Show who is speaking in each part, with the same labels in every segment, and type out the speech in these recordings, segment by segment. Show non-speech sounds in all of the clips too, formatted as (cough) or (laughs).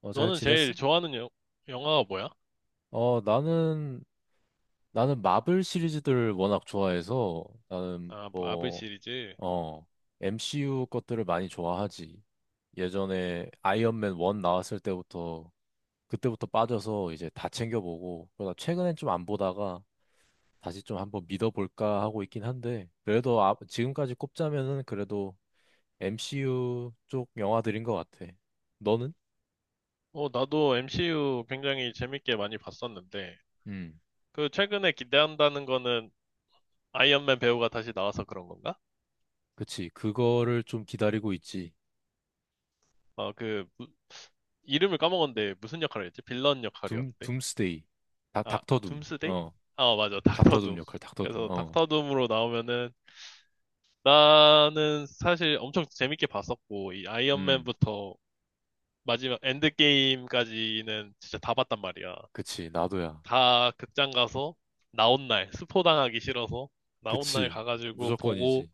Speaker 1: 잘
Speaker 2: 너는 제일
Speaker 1: 지냈어?
Speaker 2: 좋아하는 영화가 뭐야?
Speaker 1: 어, 나는, 나는 마블 시리즈들을 워낙 좋아해서 나는
Speaker 2: 아, 마블
Speaker 1: 뭐,
Speaker 2: 시리즈.
Speaker 1: 어, MCU 것들을 많이 좋아하지. 예전에 아이언맨 1 나왔을 때부터, 그때부터 빠져서 이제 다 챙겨보고, 그러다 최근엔 좀 안 보다가 다시 좀 한번 믿어볼까 하고 있긴 한데, 그래도 아, 지금까지 꼽자면은 그래도 MCU 쪽 영화들인 것 같아. 너는?
Speaker 2: 어, 나도 MCU 굉장히 재밌게 많이 봤었는데,
Speaker 1: 음,
Speaker 2: 그 최근에 기대한다는 거는 아이언맨 배우가 다시 나와서 그런 건가?
Speaker 1: 그치. 그거를 좀 기다리고 있지.
Speaker 2: 어, 그, 이름을 까먹었는데 무슨 역할을 했지? 빌런 역할이었는데?
Speaker 1: 둠스데이.
Speaker 2: 아,
Speaker 1: 닥터 둠.
Speaker 2: 둠스데이?
Speaker 1: 어.
Speaker 2: 아, 맞아. (laughs) 닥터
Speaker 1: 닥터 둠
Speaker 2: 둠.
Speaker 1: 역할, 닥터 둠.
Speaker 2: 그래서
Speaker 1: 어.
Speaker 2: 닥터 둠으로 나오면은 나는 사실 엄청 재밌게 봤었고, 이
Speaker 1: 음.
Speaker 2: 아이언맨부터 마지막 엔드게임까지는 진짜 다 봤단 말이야.
Speaker 1: 그치, 나도야.
Speaker 2: 다 극장 가서 나온 날, 스포당하기 싫어서 나온 날
Speaker 1: 그치.
Speaker 2: 가가지고 보고
Speaker 1: 무조건이지.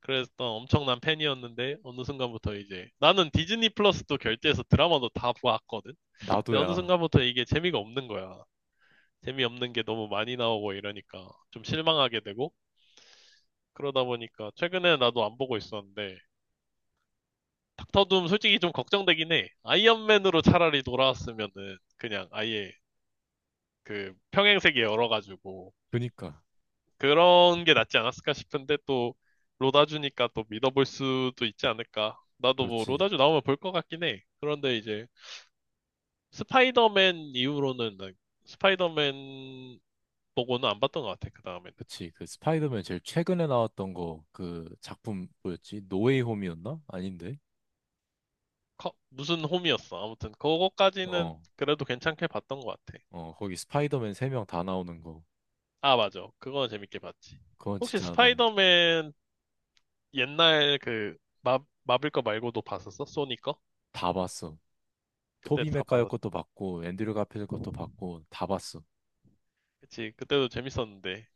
Speaker 2: 그랬던 엄청난 팬이었는데 어느 순간부터 이제 나는 디즈니 플러스도 결제해서 드라마도 다 보았거든. 근데 어느
Speaker 1: 나도야.
Speaker 2: 순간부터 이게 재미가 없는 거야. 재미없는 게 너무 많이 나오고 이러니까 좀 실망하게 되고 그러다 보니까 최근에 나도 안 보고 있었는데 닥터 둠 솔직히 좀 걱정되긴 해. 아이언맨으로 차라리 돌아왔으면은 그냥 아예 그 평행세계 열어가지고
Speaker 1: 그니까.
Speaker 2: 그런 게 낫지 않았을까 싶은데 또 로다주니까 또 믿어볼 수도 있지 않을까. 나도 뭐
Speaker 1: 그렇지.
Speaker 2: 로다주 나오면 볼 것 같긴 해. 그런데 이제 스파이더맨 이후로는 난 스파이더맨 보고는 안 봤던 것 같아. 그 다음에는
Speaker 1: 그치. 그 스파이더맨 제일 최근에 나왔던 거, 그 작품 뭐였지? 노웨이 홈이었나? 아닌데.
Speaker 2: 무슨 홈이었어. 아무튼 그거까지는
Speaker 1: 어.
Speaker 2: 그래도 괜찮게 봤던 것 같아.
Speaker 1: 어. 거기 스파이더맨 3명 다 나오는 거.
Speaker 2: 아, 맞아. 그거는 재밌게 봤지.
Speaker 1: 그건
Speaker 2: 혹시
Speaker 1: 진짜 나
Speaker 2: 스파이더맨 옛날 그 마, 마블 거 말고도 봤었어? 소니 거?
Speaker 1: 다 봤어.
Speaker 2: 그때
Speaker 1: 토비
Speaker 2: 다
Speaker 1: 맥과이어
Speaker 2: 봤었.
Speaker 1: 것도
Speaker 2: 지
Speaker 1: 봤고, 앤드류 가필 것도 봤고, 다 봤어.
Speaker 2: 그치. 그때도 재밌었는데.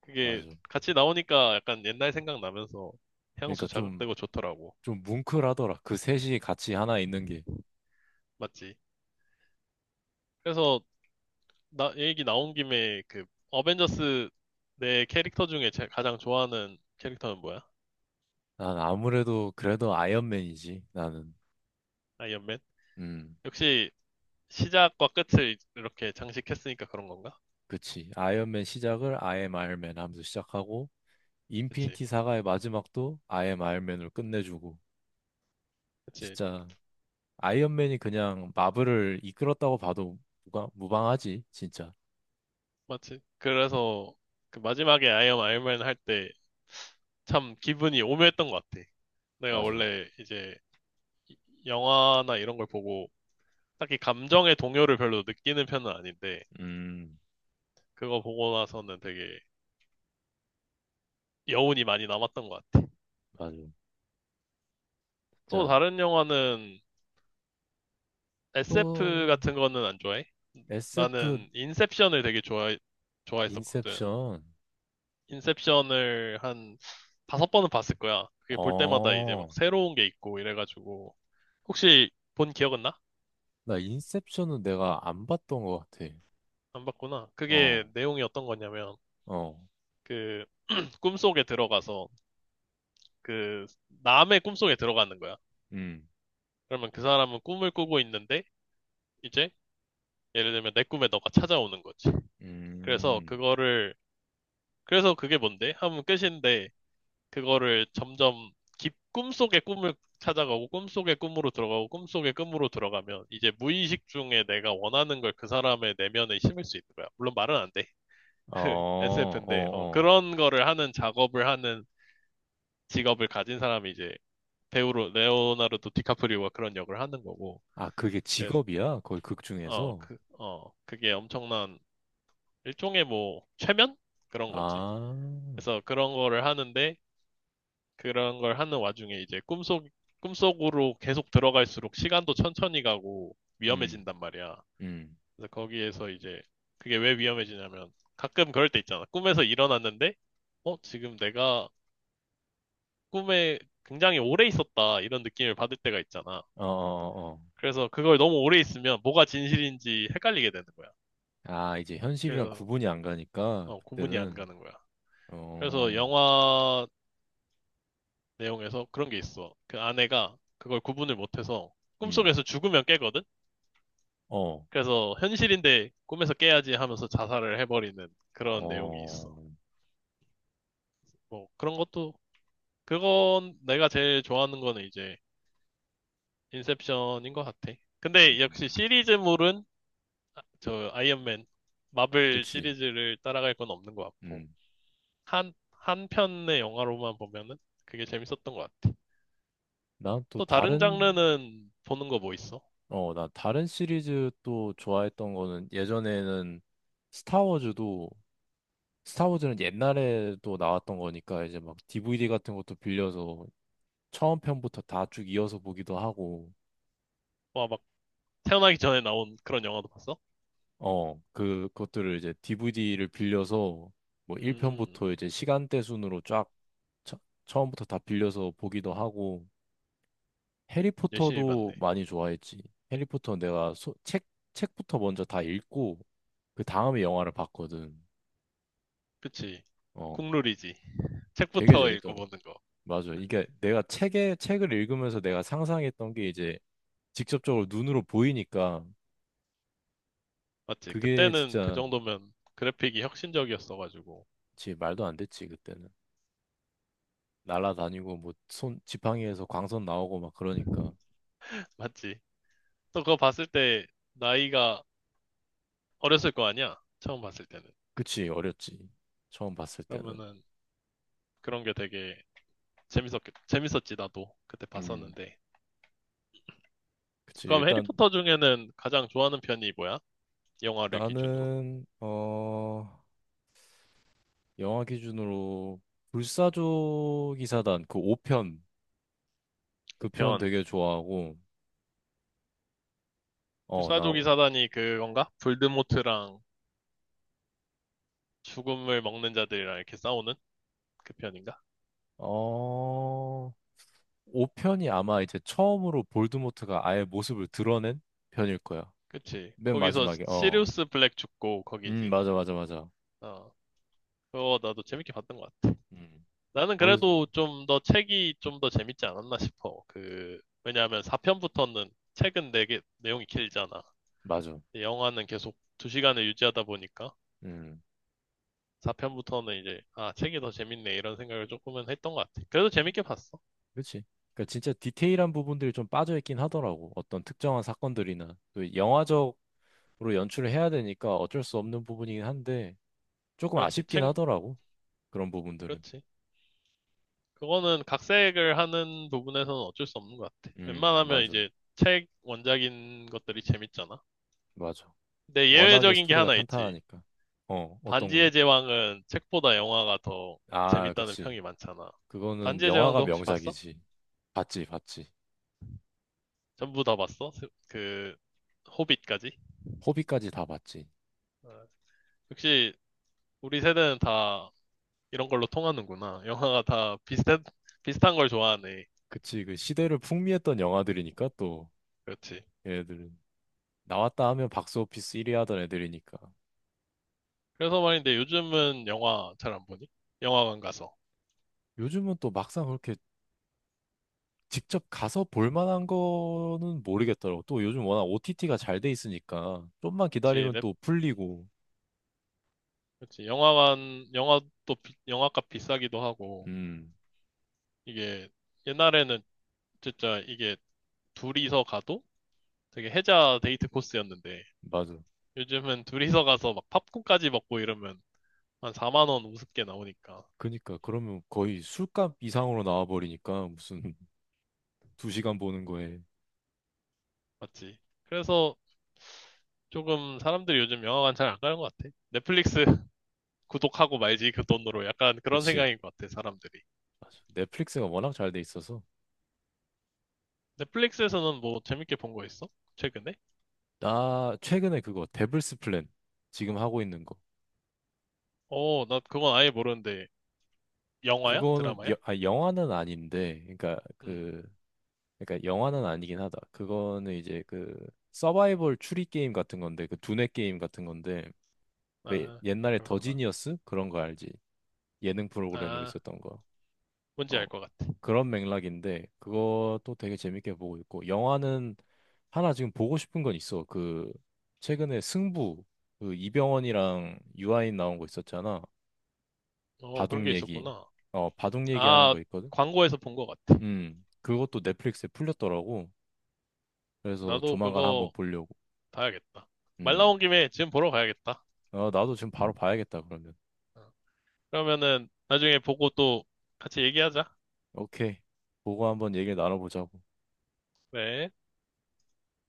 Speaker 2: 그게
Speaker 1: 맞아.
Speaker 2: 같이 나오니까 약간 옛날 생각나면서 향수
Speaker 1: 그러니까 좀,
Speaker 2: 자극되고 좋더라고.
Speaker 1: 좀 뭉클하더라. 그 셋이 같이 하나 있는 게.
Speaker 2: 맞지? 그래서 나 얘기 나온 김에 그 어벤져스 내 캐릭터 중에 제 가장 좋아하는 캐릭터는 뭐야?
Speaker 1: 난 아무래도 그래도 아이언맨이지, 나는.
Speaker 2: 아이언맨?
Speaker 1: 음,
Speaker 2: 역시 시작과 끝을 이렇게 장식했으니까 그런 건가?
Speaker 1: 그치. 아이언맨 시작을 I am Iron Man 하면서 시작하고,
Speaker 2: 그치?
Speaker 1: 인피니티 사가의 마지막도 I am Iron Man으로 끝내주고,
Speaker 2: 그치?
Speaker 1: 진짜 아이언맨이 그냥 마블을 이끌었다고 봐도 무방하지, 진짜.
Speaker 2: 맞지? 그래서 그 마지막에 아이언맨 할 때 참 기분이 오묘했던 것 같아. 내가
Speaker 1: 맞아.
Speaker 2: 원래 이제 이- 영화나 이런 걸 보고 딱히 감정의 동요를 별로 느끼는 편은 아닌데
Speaker 1: 음,
Speaker 2: 그거 보고 나서는 되게 여운이 많이 남았던 것 같아.
Speaker 1: 맞아.
Speaker 2: 또
Speaker 1: 자,
Speaker 2: 다른 영화는 SF
Speaker 1: 또
Speaker 2: 같은 거는 안 좋아해?
Speaker 1: SF
Speaker 2: 나는 인셉션을 되게 좋아했었거든.
Speaker 1: 인셉션.
Speaker 2: 인셉션을 한 다섯 번은 봤을 거야. 그게 볼 때마다 이제 막
Speaker 1: 어,
Speaker 2: 새로운 게 있고 이래가지고. 혹시 본 기억은 나?
Speaker 1: 나 인셉션은 내가 안 봤던 것 같아.
Speaker 2: 안 봤구나. 그게
Speaker 1: 어,
Speaker 2: 내용이 어떤 거냐면,
Speaker 1: 어,
Speaker 2: 그, 꿈속에 들어가서, 그, 남의 꿈속에 들어가는 거야.
Speaker 1: 음.
Speaker 2: 그러면 그 사람은 꿈을 꾸고 있는데, 이제, 예를 들면 내 꿈에 너가 찾아오는 거지. 그래서
Speaker 1: 음.
Speaker 2: 그거를 그래서 그게 뭔데? 하면 끝인데 그거를 점점 깊 꿈속의 꿈을 찾아가고 꿈속의 꿈으로 들어가고 꿈속의 꿈으로 들어가면 이제 무의식 중에 내가 원하는 걸 그 사람의 내면에 심을 수 있는 거야. 물론 말은 안 돼.
Speaker 1: 어,
Speaker 2: (laughs) SF인데
Speaker 1: 어, 어.
Speaker 2: 그런 거를 하는 작업을 하는 직업을 가진 사람이 이제 배우로 레오나르도 디카프리오가 그런 역을 하는 거고.
Speaker 1: 아, 그게
Speaker 2: 그래서
Speaker 1: 직업이야? 거의 극 중에서?
Speaker 2: 그게 엄청난 일종의 뭐 최면? 그런 거지.
Speaker 1: 아,
Speaker 2: 그래서 그런 거를 하는데 그런 걸 하는 와중에 이제 꿈속으로 계속 들어갈수록 시간도 천천히 가고
Speaker 1: 음,
Speaker 2: 위험해진단 말이야.
Speaker 1: 음.
Speaker 2: 그래서 거기에서 이제 그게 왜 위험해지냐면 가끔 그럴 때 있잖아. 꿈에서 일어났는데, 어, 지금 내가 꿈에 굉장히 오래 있었다 이런 느낌을 받을 때가 있잖아.
Speaker 1: 어, 어, 어.
Speaker 2: 그래서 그걸 너무 오래 있으면 뭐가 진실인지 헷갈리게 되는 거야.
Speaker 1: 아, 이제 현실이랑
Speaker 2: 그래서
Speaker 1: 구분이 안 가니까,
Speaker 2: 어, 구분이 안
Speaker 1: 그때는,
Speaker 2: 가는 거야. 그래서
Speaker 1: 어,
Speaker 2: 영화 내용에서 그런 게 있어. 그 아내가 그걸 구분을 못해서
Speaker 1: 음,
Speaker 2: 꿈속에서 죽으면 깨거든?
Speaker 1: 어,
Speaker 2: 그래서 현실인데 꿈에서 깨야지 하면서 자살을 해버리는 그런 내용이
Speaker 1: 어,
Speaker 2: 있어. 뭐 그런 것도 그건 내가 제일 좋아하는 거는 이제 인셉션인 것 같아. 근데 역시
Speaker 1: 음,
Speaker 2: 시리즈물은 저 아이언맨 마블
Speaker 1: 그치.
Speaker 2: 시리즈를 따라갈 건 없는 것 같고
Speaker 1: 음.
Speaker 2: 한 한 편의 영화로만 보면은 그게 재밌었던 것 같아.
Speaker 1: 난 또
Speaker 2: 또 다른
Speaker 1: 다른,
Speaker 2: 장르는 보는 거 뭐 있어?
Speaker 1: 나 다른 시리즈 또 좋아했던 거는 예전에는 스타워즈도 스타워즈는 옛날에도 나왔던 거니까 이제 막 DVD 같은 것도 빌려서 처음 편부터 다 쭉 이어서 보기도 하고,
Speaker 2: 와, 막 태어나기 전에 나온 그런 영화도 봤어?
Speaker 1: 그것들을 이제 DVD를 빌려서 뭐
Speaker 2: 음,
Speaker 1: 1편부터 이제 시간대 순으로 쫙 처, 처음부터 다 빌려서 보기도 하고,
Speaker 2: 열심히
Speaker 1: 해리포터도
Speaker 2: 봤네.
Speaker 1: 많이 좋아했지. 해리포터 내가 책부터 먼저 다 읽고, 그 다음에 영화를 봤거든.
Speaker 2: 그치,
Speaker 1: 어,
Speaker 2: 국룰이지.
Speaker 1: 되게
Speaker 2: 책부터
Speaker 1: 재밌더라고.
Speaker 2: 읽어보는 거.
Speaker 1: 맞아. 이게 내가 책을 읽으면서 내가 상상했던 게 이제 직접적으로 눈으로 보이니까
Speaker 2: 맞지?
Speaker 1: 그게
Speaker 2: 그때는 그
Speaker 1: 진짜
Speaker 2: 정도면 그래픽이 혁신적이었어가지고.
Speaker 1: 지 말도 안 됐지, 그때는. 날아다니고 뭐 손 지팡이에서 광선 나오고 막 그러니까
Speaker 2: 맞지? 또 그거 봤을 때 나이가 어렸을 거 아니야? 처음 봤을 때는.
Speaker 1: 그치 어렸지 처음 봤을 때는
Speaker 2: 그러면은 그런 게 되게 재밌었, 재밌었지, 나도. 그때
Speaker 1: 음
Speaker 2: 봤었는데.
Speaker 1: 그치
Speaker 2: 그럼
Speaker 1: 일단
Speaker 2: 해리포터 중에는 가장 좋아하는 편이 뭐야? 영화를 기준으로.
Speaker 1: 나는 영화 기준으로 불사조 기사단 그 5편 그 편
Speaker 2: 5편.
Speaker 1: 되게 좋아하고 어
Speaker 2: 불사조기
Speaker 1: 나어
Speaker 2: 사단이 그건가? 볼드모트랑 죽음을 먹는 자들이랑 이렇게 싸우는 그 편인가?
Speaker 1: 5편이 아마 이제 처음으로 볼드모트가 아예 모습을 드러낸 편일 거야
Speaker 2: 그치.
Speaker 1: 맨
Speaker 2: 거기서
Speaker 1: 마지막에 어
Speaker 2: 시리우스 블랙 죽고 거기지.
Speaker 1: 맞아 맞아 맞아
Speaker 2: 어. 그거 나도 재밌게 봤던 것 같아.
Speaker 1: 음
Speaker 2: 나는
Speaker 1: 거기서
Speaker 2: 그래도 좀 더 책이 좀 더 재밌지 않았나 싶어. 그, 왜냐하면 4편부터는 내용이 길잖아.
Speaker 1: 맞아
Speaker 2: 근데 영화는 계속 2시간을 유지하다 보니까
Speaker 1: 음
Speaker 2: 4편부터는 이제, 아, 책이 더 재밌네. 이런 생각을 조금은 했던 것 같아. 그래도 재밌게 봤어.
Speaker 1: 그렇지. 그러니까 진짜 디테일한 부분들이 좀 빠져있긴 하더라고. 어떤 특정한 사건들이나 또 영화적으로 연출을 해야 되니까 어쩔 수 없는 부분이긴 한데 조금
Speaker 2: 그렇지.
Speaker 1: 아쉽긴 하더라고. 그런 부분들은.
Speaker 2: 그렇지. 그거는 각색을 하는 부분에서는 어쩔 수 없는 것 같아. 웬만하면
Speaker 1: 맞아.
Speaker 2: 이제 책 원작인 것들이 재밌잖아.
Speaker 1: 맞아.
Speaker 2: 근데
Speaker 1: 워낙에
Speaker 2: 예외적인 게
Speaker 1: 스토리가
Speaker 2: 하나 있지.
Speaker 1: 탄탄하니까. 어떤 거지?
Speaker 2: 반지의 제왕은 책보다 영화가 더
Speaker 1: 아,
Speaker 2: 재밌다는
Speaker 1: 그치.
Speaker 2: 평이 많잖아.
Speaker 1: 그거는
Speaker 2: 반지의
Speaker 1: 영화가
Speaker 2: 제왕도 혹시 봤어?
Speaker 1: 명작이지. 봤지, 봤지.
Speaker 2: 전부 다 봤어? 그, 호빗까지?
Speaker 1: 호비까지 다 봤지.
Speaker 2: 어, 역시 우리 세대는 다 이런 걸로 통하는구나. 영화가 다 비슷한 걸 좋아하네.
Speaker 1: 그치. 그 시대를 풍미했던 영화들이니까 또
Speaker 2: 그렇지.
Speaker 1: 얘네들은 나왔다 하면 박스오피스 1위 하던 애들이니까.
Speaker 2: 그래서 말인데 요즘은 영화 잘 안 보니? 영화관 가서.
Speaker 1: 요즘은 또 막상 그렇게 직접 가서 볼 만한 거는 모르겠더라고. 또 요즘 워낙 OTT가 잘 돼 있으니까 좀만
Speaker 2: 그렇지,
Speaker 1: 기다리면 또 풀리고.
Speaker 2: 그렇지. 영화값 비싸기도 하고,
Speaker 1: 음,
Speaker 2: 이게 옛날에는 진짜 이게 둘이서 가도 되게 혜자 데이트 코스였는데
Speaker 1: 맞아.
Speaker 2: 요즘은 둘이서 가서 막 팝콘까지 먹고 이러면 한 4만 원 우습게 나오니까.
Speaker 1: 그니까 그러면 거의 술값 이상으로 나와버리니까 무슨 (laughs) 2시간 보는 거에.
Speaker 2: 맞지? 그래서 조금 사람들이 요즘 영화관 잘 안 가는 것 같아. 넷플릭스 (laughs) 구독하고 말지 그 돈으로 약간 그런
Speaker 1: 그치.
Speaker 2: 생각인 것 같아, 사람들이.
Speaker 1: 맞아. 넷플릭스가 워낙 잘 돼 있어서.
Speaker 2: 넷플릭스에서는 뭐 재밌게 본 거 있어? 최근에?
Speaker 1: 나 최근에 그거 데블스 플랜 지금 하고 있는 거.
Speaker 2: 어, 나 그건 아예 모르는데 영화야?
Speaker 1: 그거는
Speaker 2: 드라마야?
Speaker 1: 영화는 아닌데, 그러니까
Speaker 2: 음.
Speaker 1: 그 그러니까 영화는 아니긴 하다. 그거는 이제 그 서바이벌 추리 게임 같은 건데, 그 두뇌 게임 같은 건데, 왜
Speaker 2: 아,
Speaker 1: 옛날에 더
Speaker 2: 그렇구나.
Speaker 1: 지니어스 그런 거 알지? 예능 프로그램으로
Speaker 2: 아,
Speaker 1: 있었던 거.
Speaker 2: 뭔지
Speaker 1: 어.
Speaker 2: 알 것 같아.
Speaker 1: 그런 맥락인데 그것도 되게 재밌게 보고 있고 영화는 하나 지금 보고 싶은 건 있어. 그 최근에 승부 그 이병헌이랑 유아인 나온 거 있었잖아.
Speaker 2: 어, 그런
Speaker 1: 바둑
Speaker 2: 게
Speaker 1: 얘기.
Speaker 2: 있었구나.
Speaker 1: 바둑 얘기하는
Speaker 2: 아,
Speaker 1: 거 있거든.
Speaker 2: 광고에서 본 것 같아.
Speaker 1: 음. 그것도 넷플릭스에 풀렸더라고. 그래서
Speaker 2: 나도
Speaker 1: 조만간 한번
Speaker 2: 그거
Speaker 1: 보려고.
Speaker 2: 봐야겠다. 말
Speaker 1: 음.
Speaker 2: 나온 김에 지금 보러 가야겠다.
Speaker 1: 어, 나도 지금 바로 봐야겠다 그러면.
Speaker 2: 어. 그러면은 나중에 보고 또 같이 얘기하자.
Speaker 1: 오케이. 보고 한번 얘기를 나눠보자고.
Speaker 2: 네.